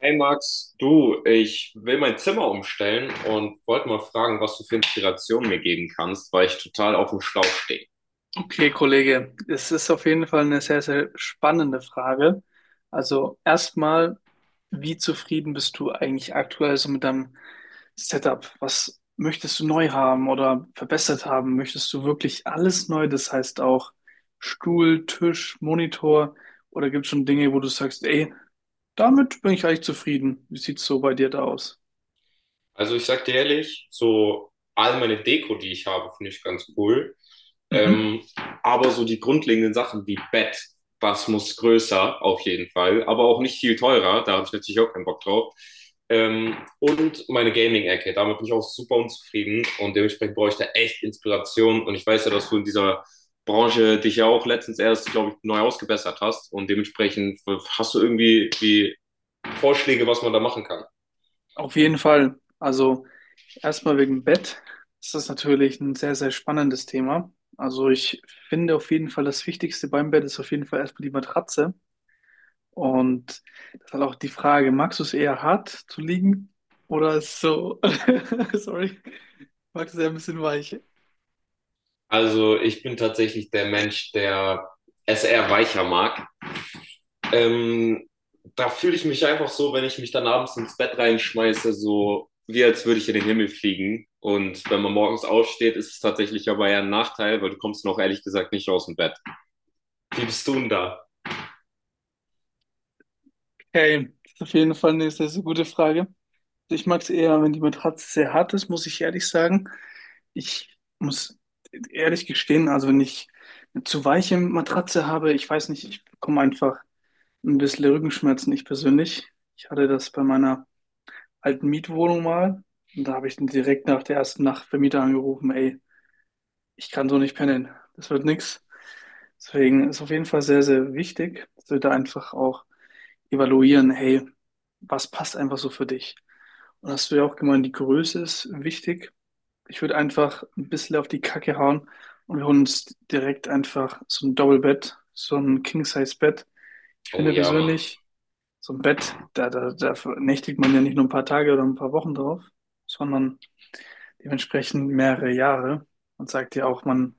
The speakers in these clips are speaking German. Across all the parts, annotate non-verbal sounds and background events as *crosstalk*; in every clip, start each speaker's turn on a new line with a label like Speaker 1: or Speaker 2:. Speaker 1: Hey Max, du, ich will mein Zimmer umstellen und wollte mal fragen, was du für Inspiration mir geben kannst, weil ich total auf dem Schlauch stehe.
Speaker 2: Okay, Kollege, es ist auf jeden Fall eine sehr, sehr spannende Frage. Also erstmal, wie zufrieden bist du eigentlich aktuell so mit deinem Setup? Was möchtest du neu haben oder verbessert haben? Möchtest du wirklich alles neu? Das heißt auch Stuhl, Tisch, Monitor oder gibt es schon Dinge, wo du sagst, ey, damit bin ich eigentlich zufrieden? Wie sieht's so bei dir da aus?
Speaker 1: Also ich sag dir ehrlich, so all meine Deko, die ich habe, finde ich ganz cool.
Speaker 2: Mhm.
Speaker 1: Ähm, aber so die grundlegenden Sachen wie Bett, was muss größer auf jeden Fall, aber auch nicht viel teurer, da habe ich natürlich auch keinen Bock drauf. Und meine Gaming-Ecke, damit bin ich auch super unzufrieden und dementsprechend brauche ich da echt Inspiration, und ich weiß ja, dass du in dieser Branche dich ja auch letztens erst, glaube ich, neu ausgebessert hast, und dementsprechend hast du irgendwie die Vorschläge, was man da machen kann.
Speaker 2: Auf jeden Fall. Also erstmal wegen Bett. Das ist natürlich ein sehr, sehr spannendes Thema. Also ich finde auf jeden Fall, das Wichtigste beim Bett ist auf jeden Fall erstmal die Matratze. Und das ist halt auch die Frage, magst du es eher hart zu liegen oder so, *laughs* sorry, magst du es eher ein bisschen weich?
Speaker 1: Also ich bin tatsächlich der Mensch, der es eher weicher mag. Ähm, Da fühle ich mich einfach so, wenn ich mich dann abends ins Bett reinschmeiße, so wie als würde ich in den Himmel fliegen. Und wenn man morgens aufsteht, ist es tatsächlich aber eher ein Nachteil, weil du kommst noch ehrlich gesagt nicht aus dem Bett. Wie bist du denn da?
Speaker 2: Okay, das ist auf jeden Fall eine sehr, sehr gute Frage. Ich mag es eher, wenn die Matratze sehr hart ist, muss ich ehrlich sagen. Ich muss ehrlich gestehen, also wenn ich eine zu weiche Matratze habe, ich weiß nicht, ich bekomme einfach ein bisschen Rückenschmerzen, ich persönlich. Ich hatte das bei meiner alten Mietwohnung mal und da habe ich dann direkt nach der ersten Nacht Vermieter angerufen, ey, ich kann so nicht pennen, das wird nix. Deswegen ist auf jeden Fall sehr, sehr wichtig, dass wir da einfach auch evaluieren, hey, was passt einfach so für dich? Und hast du ja auch gemeint, die Größe ist wichtig. Ich würde einfach ein bisschen auf die Kacke hauen und wir holen uns direkt einfach so ein Double-Bett, so ein King-Size-Bett. Ich
Speaker 1: Oh
Speaker 2: finde
Speaker 1: ja, Mann.
Speaker 2: persönlich, so ein Bett, da nächtigt man ja nicht nur ein paar Tage oder ein paar Wochen drauf, sondern dementsprechend mehrere Jahre. Man sagt ja auch, man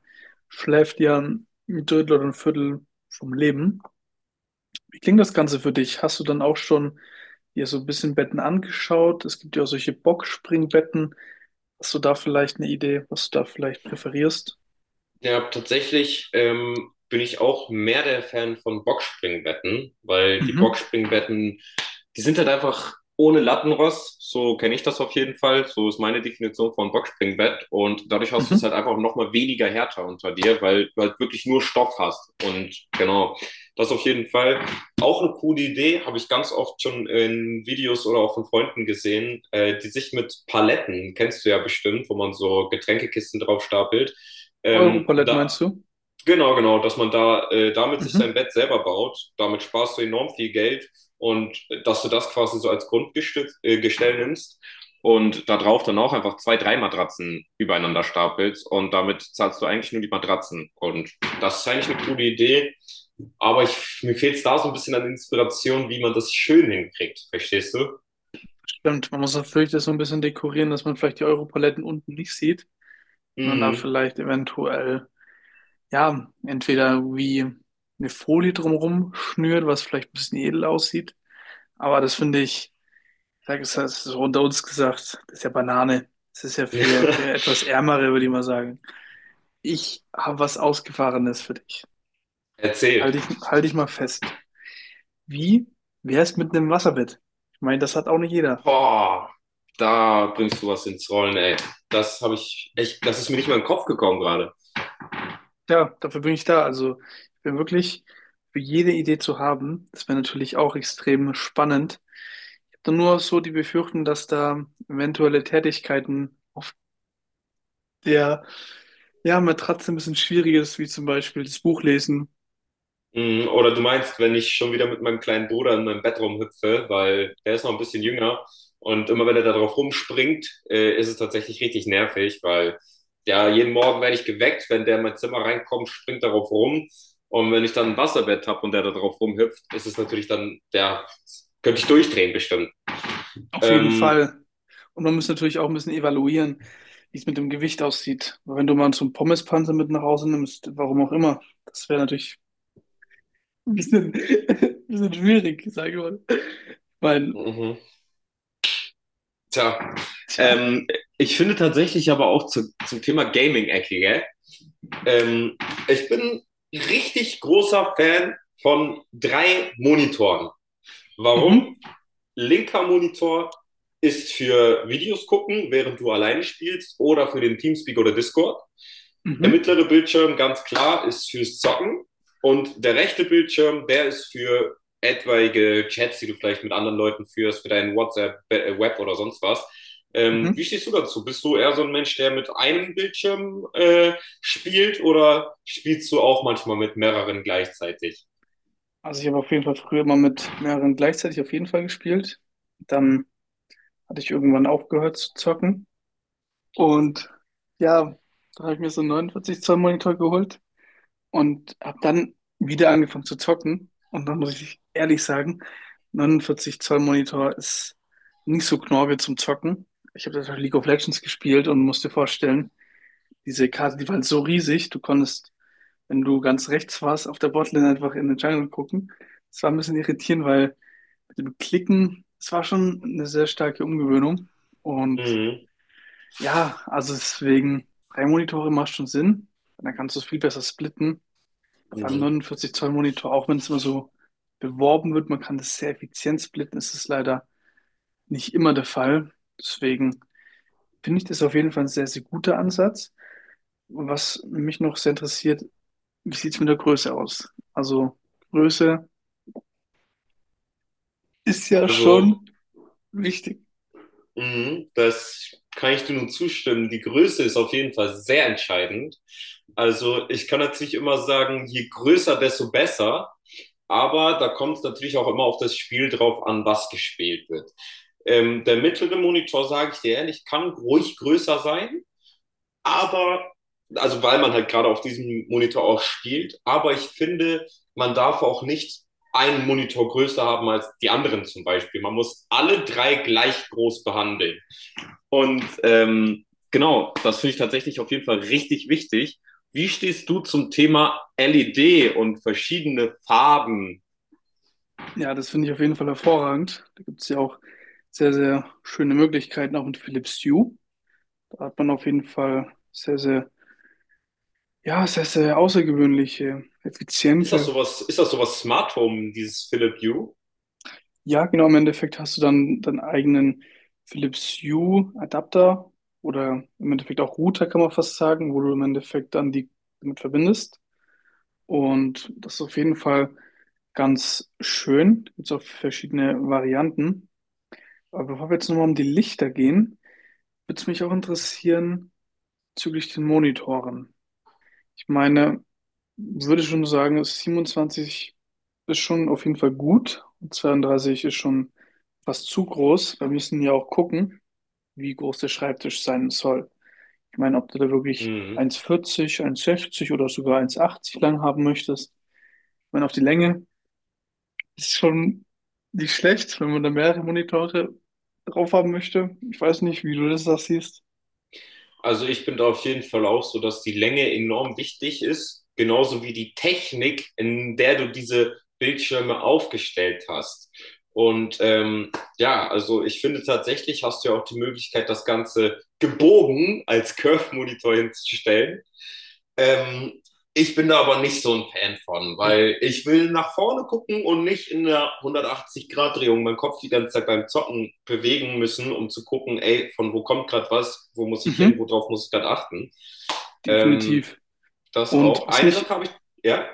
Speaker 2: schläft ja ein Drittel oder ein Viertel vom Leben. Wie klingt das Ganze für dich? Hast du dann auch schon dir so ein bisschen Betten angeschaut? Es gibt ja auch solche Boxspringbetten. Hast du da vielleicht eine Idee, was du da vielleicht präferierst?
Speaker 1: Ja, tatsächlich bin ich auch mehr der Fan von Boxspringbetten, weil die
Speaker 2: Mhm.
Speaker 1: Boxspringbetten die sind halt einfach ohne Lattenrost, so kenne ich das auf jeden Fall, so ist meine Definition von Boxspringbett, und dadurch hast du es halt
Speaker 2: Mhm.
Speaker 1: einfach nochmal weniger härter unter dir, weil du halt wirklich nur Stoff hast und genau, das auf jeden Fall. Auch eine coole Idee, habe ich ganz oft schon in Videos oder auch von Freunden gesehen, die sich mit Paletten, kennst du ja bestimmt, wo man so Getränkekisten drauf stapelt,
Speaker 2: Europaletten
Speaker 1: da
Speaker 2: meinst du?
Speaker 1: Genau, genau, dass man da damit sich
Speaker 2: Mhm.
Speaker 1: sein Bett selber baut, damit sparst du enorm viel Geld, und dass du das quasi so als Grundgestell Gestell nimmst und da drauf dann auch einfach zwei, drei Matratzen übereinander stapelst, und damit zahlst du eigentlich nur die Matratzen, und das ist eigentlich eine coole Idee, aber mir fehlt es da so ein bisschen an Inspiration, wie man das schön hinkriegt, verstehst du?
Speaker 2: Stimmt, man muss natürlich das so ein bisschen dekorieren, dass man vielleicht die Europaletten unten nicht sieht, sondern da
Speaker 1: Mhm.
Speaker 2: vielleicht eventuell, ja, entweder wie eine Folie drumherum schnürt, was vielleicht ein bisschen edel aussieht. Aber das finde ich. Sag es, das ist unter uns gesagt. Das ist ja Banane. Das ist ja für
Speaker 1: *laughs*
Speaker 2: etwas Ärmere, würde ich mal sagen. Ich habe was Ausgefahrenes für dich. Halt
Speaker 1: Erzählt.
Speaker 2: dich, halt dich mal fest. Wie wär's mit einem Wasserbett? Ich meine, das hat auch nicht jeder.
Speaker 1: Boah, da bringst du was ins Rollen, ey. Das habe ich echt, das ist mir nicht mal in den Kopf gekommen gerade.
Speaker 2: Ja, dafür bin ich da. Also, ich bin wirklich für jede Idee zu haben. Das wäre natürlich auch extrem spannend. Ich habe nur so die Befürchtung, dass da eventuelle Tätigkeiten auf der, ja, Matratze ein bisschen schwierig ist, wie zum Beispiel das Buch lesen.
Speaker 1: Mm. Oder du meinst, wenn ich schon wieder mit meinem kleinen Bruder in meinem Bett rumhüpfe, weil der ist noch ein bisschen jünger, und immer wenn er da drauf rumspringt, ist es tatsächlich richtig nervig, weil ja, jeden Morgen werde ich geweckt, wenn der in mein Zimmer reinkommt, springt darauf rum, und wenn ich dann ein Wasserbett habe und der da drauf rumhüpft, ist es natürlich dann, ja, könnte ich durchdrehen bestimmt.
Speaker 2: Auf jeden
Speaker 1: Ähm,
Speaker 2: Fall. Und man muss natürlich auch ein bisschen evaluieren, wie es mit dem Gewicht aussieht. Weil wenn du mal so einen Pommespanzer mit nach Hause nimmst, warum auch immer, das wäre natürlich ein bisschen, *laughs* ein bisschen schwierig, sage ich mal. Weil,
Speaker 1: mhm. Tja,
Speaker 2: tja,
Speaker 1: ähm, Ich finde tatsächlich aber auch zum Thema Gaming-Ecke, gell? Ähm, Ich bin richtig großer Fan von drei Monitoren. Warum?
Speaker 2: mhm,
Speaker 1: Linker Monitor ist für Videos gucken, während du alleine spielst, oder für den Teamspeak oder Discord. Der
Speaker 2: mhm,
Speaker 1: mittlere Bildschirm, ganz klar, ist fürs Zocken. Und der rechte Bildschirm, der ist für etwaige Chats, die du vielleicht mit anderen Leuten führst, für deinen WhatsApp, Web oder sonst was. Wie
Speaker 2: mhm.
Speaker 1: stehst du dazu? Bist du eher so ein Mensch, der mit einem Bildschirm spielt, oder spielst du auch manchmal mit mehreren gleichzeitig?
Speaker 2: Also ich habe auf jeden Fall früher mal mit mehreren gleichzeitig auf jeden Fall gespielt. Dann hatte ich irgendwann aufgehört zu zocken. Und ja, da habe ich mir so einen 49 Zoll Monitor geholt, und habe dann wieder angefangen zu zocken. Und dann muss ich ehrlich sagen, 49 Zoll Monitor ist nicht so knorke zum Zocken. Ich habe das auf League of Legends gespielt und musste vorstellen, diese Karte, die war halt so riesig, du konntest, wenn du ganz rechts warst, auf der Botlane einfach in den Jungle gucken. Das war ein bisschen irritierend, weil mit dem Klicken, es war schon eine sehr starke Umgewöhnung. Und
Speaker 1: Mhm.
Speaker 2: ja, also deswegen, 3 Monitore macht schon Sinn. Dann kannst du es viel besser splitten. Beim
Speaker 1: Mhm.
Speaker 2: 49 Zoll Monitor, auch wenn es immer so beworben wird, man kann das sehr effizient splitten, ist es leider nicht immer der Fall. Deswegen finde ich das auf jeden Fall ein sehr, sehr guter Ansatz. Was mich noch sehr interessiert, wie sieht es mit der Größe aus? Also Größe ist ja
Speaker 1: Also
Speaker 2: schon wichtig.
Speaker 1: mhm, das kann ich dir nur zustimmen. Die Größe ist auf jeden Fall sehr entscheidend. Also ich kann natürlich immer sagen, je größer, desto besser. Aber da kommt es natürlich auch immer auf das Spiel drauf an, was gespielt wird. Der mittlere Monitor, sage ich dir ehrlich, kann ruhig größer sein, aber, also weil man halt gerade auf diesem Monitor auch spielt, aber ich finde, man darf auch nicht einen Monitor größer haben als die anderen zum Beispiel. Man muss alle drei gleich groß behandeln. Und genau, das finde ich tatsächlich auf jeden Fall richtig wichtig. Wie stehst du zum Thema LED und verschiedene Farben?
Speaker 2: Ja, das finde ich auf jeden Fall hervorragend. Da gibt es ja auch sehr, sehr schöne Möglichkeiten, auch mit Philips Hue. Da hat man auf jeden Fall sehr, sehr, ja, sehr, sehr außergewöhnliche,
Speaker 1: Ist das
Speaker 2: effiziente.
Speaker 1: sowas Smart Home, dieses Philips Hue?
Speaker 2: Ja, genau, im Endeffekt hast du dann deinen eigenen Philips Hue Adapter oder im Endeffekt auch Router, kann man fast sagen, wo du im Endeffekt dann die damit verbindest. Und das ist auf jeden Fall ganz schön. Gibt auch verschiedene Varianten. Aber bevor wir jetzt nochmal um die Lichter gehen, würde es mich auch interessieren bezüglich den Monitoren. Ich meine, würde schon sagen, 27 ist schon auf jeden Fall gut und 32 ist schon fast zu groß. Wir müssen ja auch gucken, wie groß der Schreibtisch sein soll. Ich meine, ob du da wirklich
Speaker 1: Mhm.
Speaker 2: 1,40, 1,60 oder sogar 1,80 lang haben möchtest. Ich meine, auf die Länge ist schon nicht schlecht, wenn man da mehrere Monitore drauf haben möchte. Ich weiß nicht, wie du das da siehst.
Speaker 1: Also ich bin da auf jeden Fall auch so, dass die Länge enorm wichtig ist, genauso wie die Technik, in der du diese Bildschirme aufgestellt hast. Und ja, also ich finde, tatsächlich hast du ja auch die Möglichkeit, das Ganze gebogen als Curve-Monitor hinzustellen. Ähm, Ich bin da aber nicht so ein Fan von, weil ich will nach vorne gucken und nicht in der 180-Grad-Drehung meinen Kopf die ganze Zeit beim Zocken bewegen müssen, um zu gucken, ey, von wo kommt gerade was, wo muss ich hin,
Speaker 2: Mhm,
Speaker 1: worauf muss ich gerade achten. Ähm,
Speaker 2: definitiv.
Speaker 1: Das
Speaker 2: Und
Speaker 1: auch.
Speaker 2: was
Speaker 1: Eine Sache
Speaker 2: mich
Speaker 1: habe ich, ja,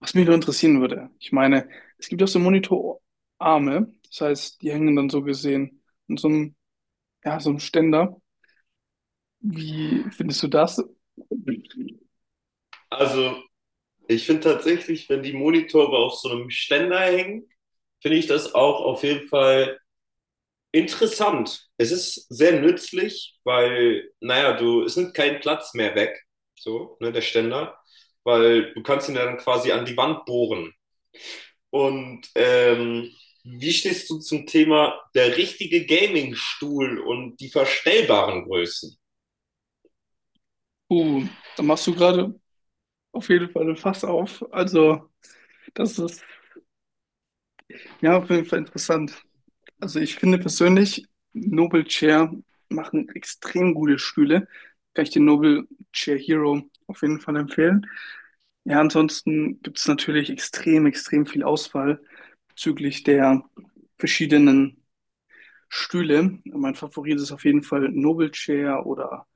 Speaker 2: Was mich nur interessieren würde, ich meine, es gibt ja auch so Monitorarme, das heißt, die hängen dann so gesehen in so einem, ja, so einem Ständer. Wie findest du das?
Speaker 1: also ich finde tatsächlich, wenn die Monitore auf so einem Ständer hängen, finde ich das auch auf jeden Fall interessant. Es ist sehr nützlich, weil, naja, du, es nimmt keinen Platz mehr weg, so, ne, der Ständer, weil du kannst ihn dann quasi an die Wand bohren. Und wie stehst du zum Thema der richtige Gaming-Stuhl und die verstellbaren Größen?
Speaker 2: Uh, Da machst du gerade auf jeden Fall ein Fass auf. Also, das ist ja auf jeden Fall interessant. Also ich finde persönlich, Nobel Chair machen extrem gute Stühle. Kann ich den Nobel Chair Hero auf jeden Fall empfehlen. Ja, ansonsten gibt es natürlich extrem, extrem viel Auswahl bezüglich der verschiedenen Stühle. Mein Favorit ist auf jeden Fall Nobel Chair oder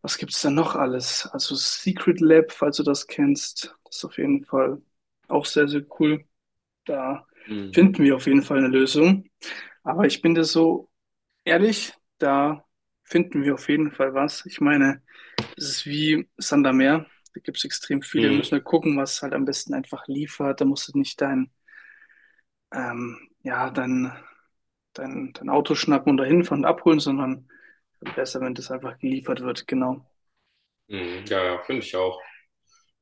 Speaker 2: was gibt es da noch alles? Also Secret Lab, falls du das kennst, ist auf jeden Fall auch sehr, sehr cool. Da
Speaker 1: Mhm.
Speaker 2: finden wir auf jeden Fall eine Lösung. Aber ich bin dir so ehrlich, da finden wir auf jeden Fall was. Ich meine, das ist wie Sand am Meer. Da gibt es extrem viele. Wir müssen
Speaker 1: Mhm.
Speaker 2: halt gucken, was halt am besten einfach liefert. Da musst du nicht dein, ja, dein, dein, dein Auto schnappen und dahin fahren und abholen, sondern besser, wenn das einfach geliefert wird. Genau.
Speaker 1: Mhm. Ja, ja, finde ich auch.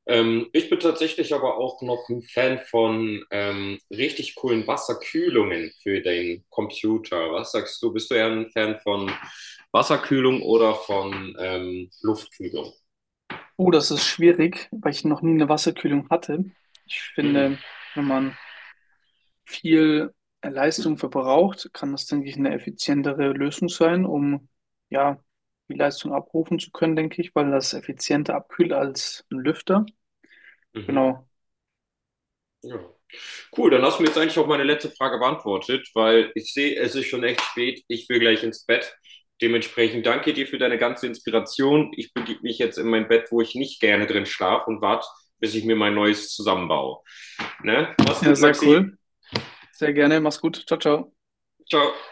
Speaker 1: Ich bin tatsächlich aber auch noch ein Fan von richtig coolen Wasserkühlungen für den Computer. Was sagst du? Bist du eher ein Fan von Wasserkühlung oder von Luftkühlung?
Speaker 2: Oh, das ist schwierig, weil ich noch nie eine Wasserkühlung hatte. Ich
Speaker 1: Mhm.
Speaker 2: finde, wenn man viel Leistung verbraucht, kann das, denke ich, eine effizientere Lösung sein, um ja die Leistung abrufen zu können, denke ich, weil das effizienter abkühlt als ein Lüfter.
Speaker 1: Mhm.
Speaker 2: Genau.
Speaker 1: Ja. Cool, dann hast du mir jetzt eigentlich auch meine letzte Frage beantwortet, weil ich sehe, es ist schon echt spät. Ich will gleich ins Bett. Dementsprechend danke dir für deine ganze Inspiration. Ich begebe mich jetzt in mein Bett, wo ich nicht gerne drin schlafe, und warte, bis ich mir mein neues zusammenbaue. Ne? Mach's
Speaker 2: Ja,
Speaker 1: gut,
Speaker 2: sehr
Speaker 1: Maxi.
Speaker 2: cool. Sehr gerne. Mach's gut. Ciao, ciao.
Speaker 1: Ciao.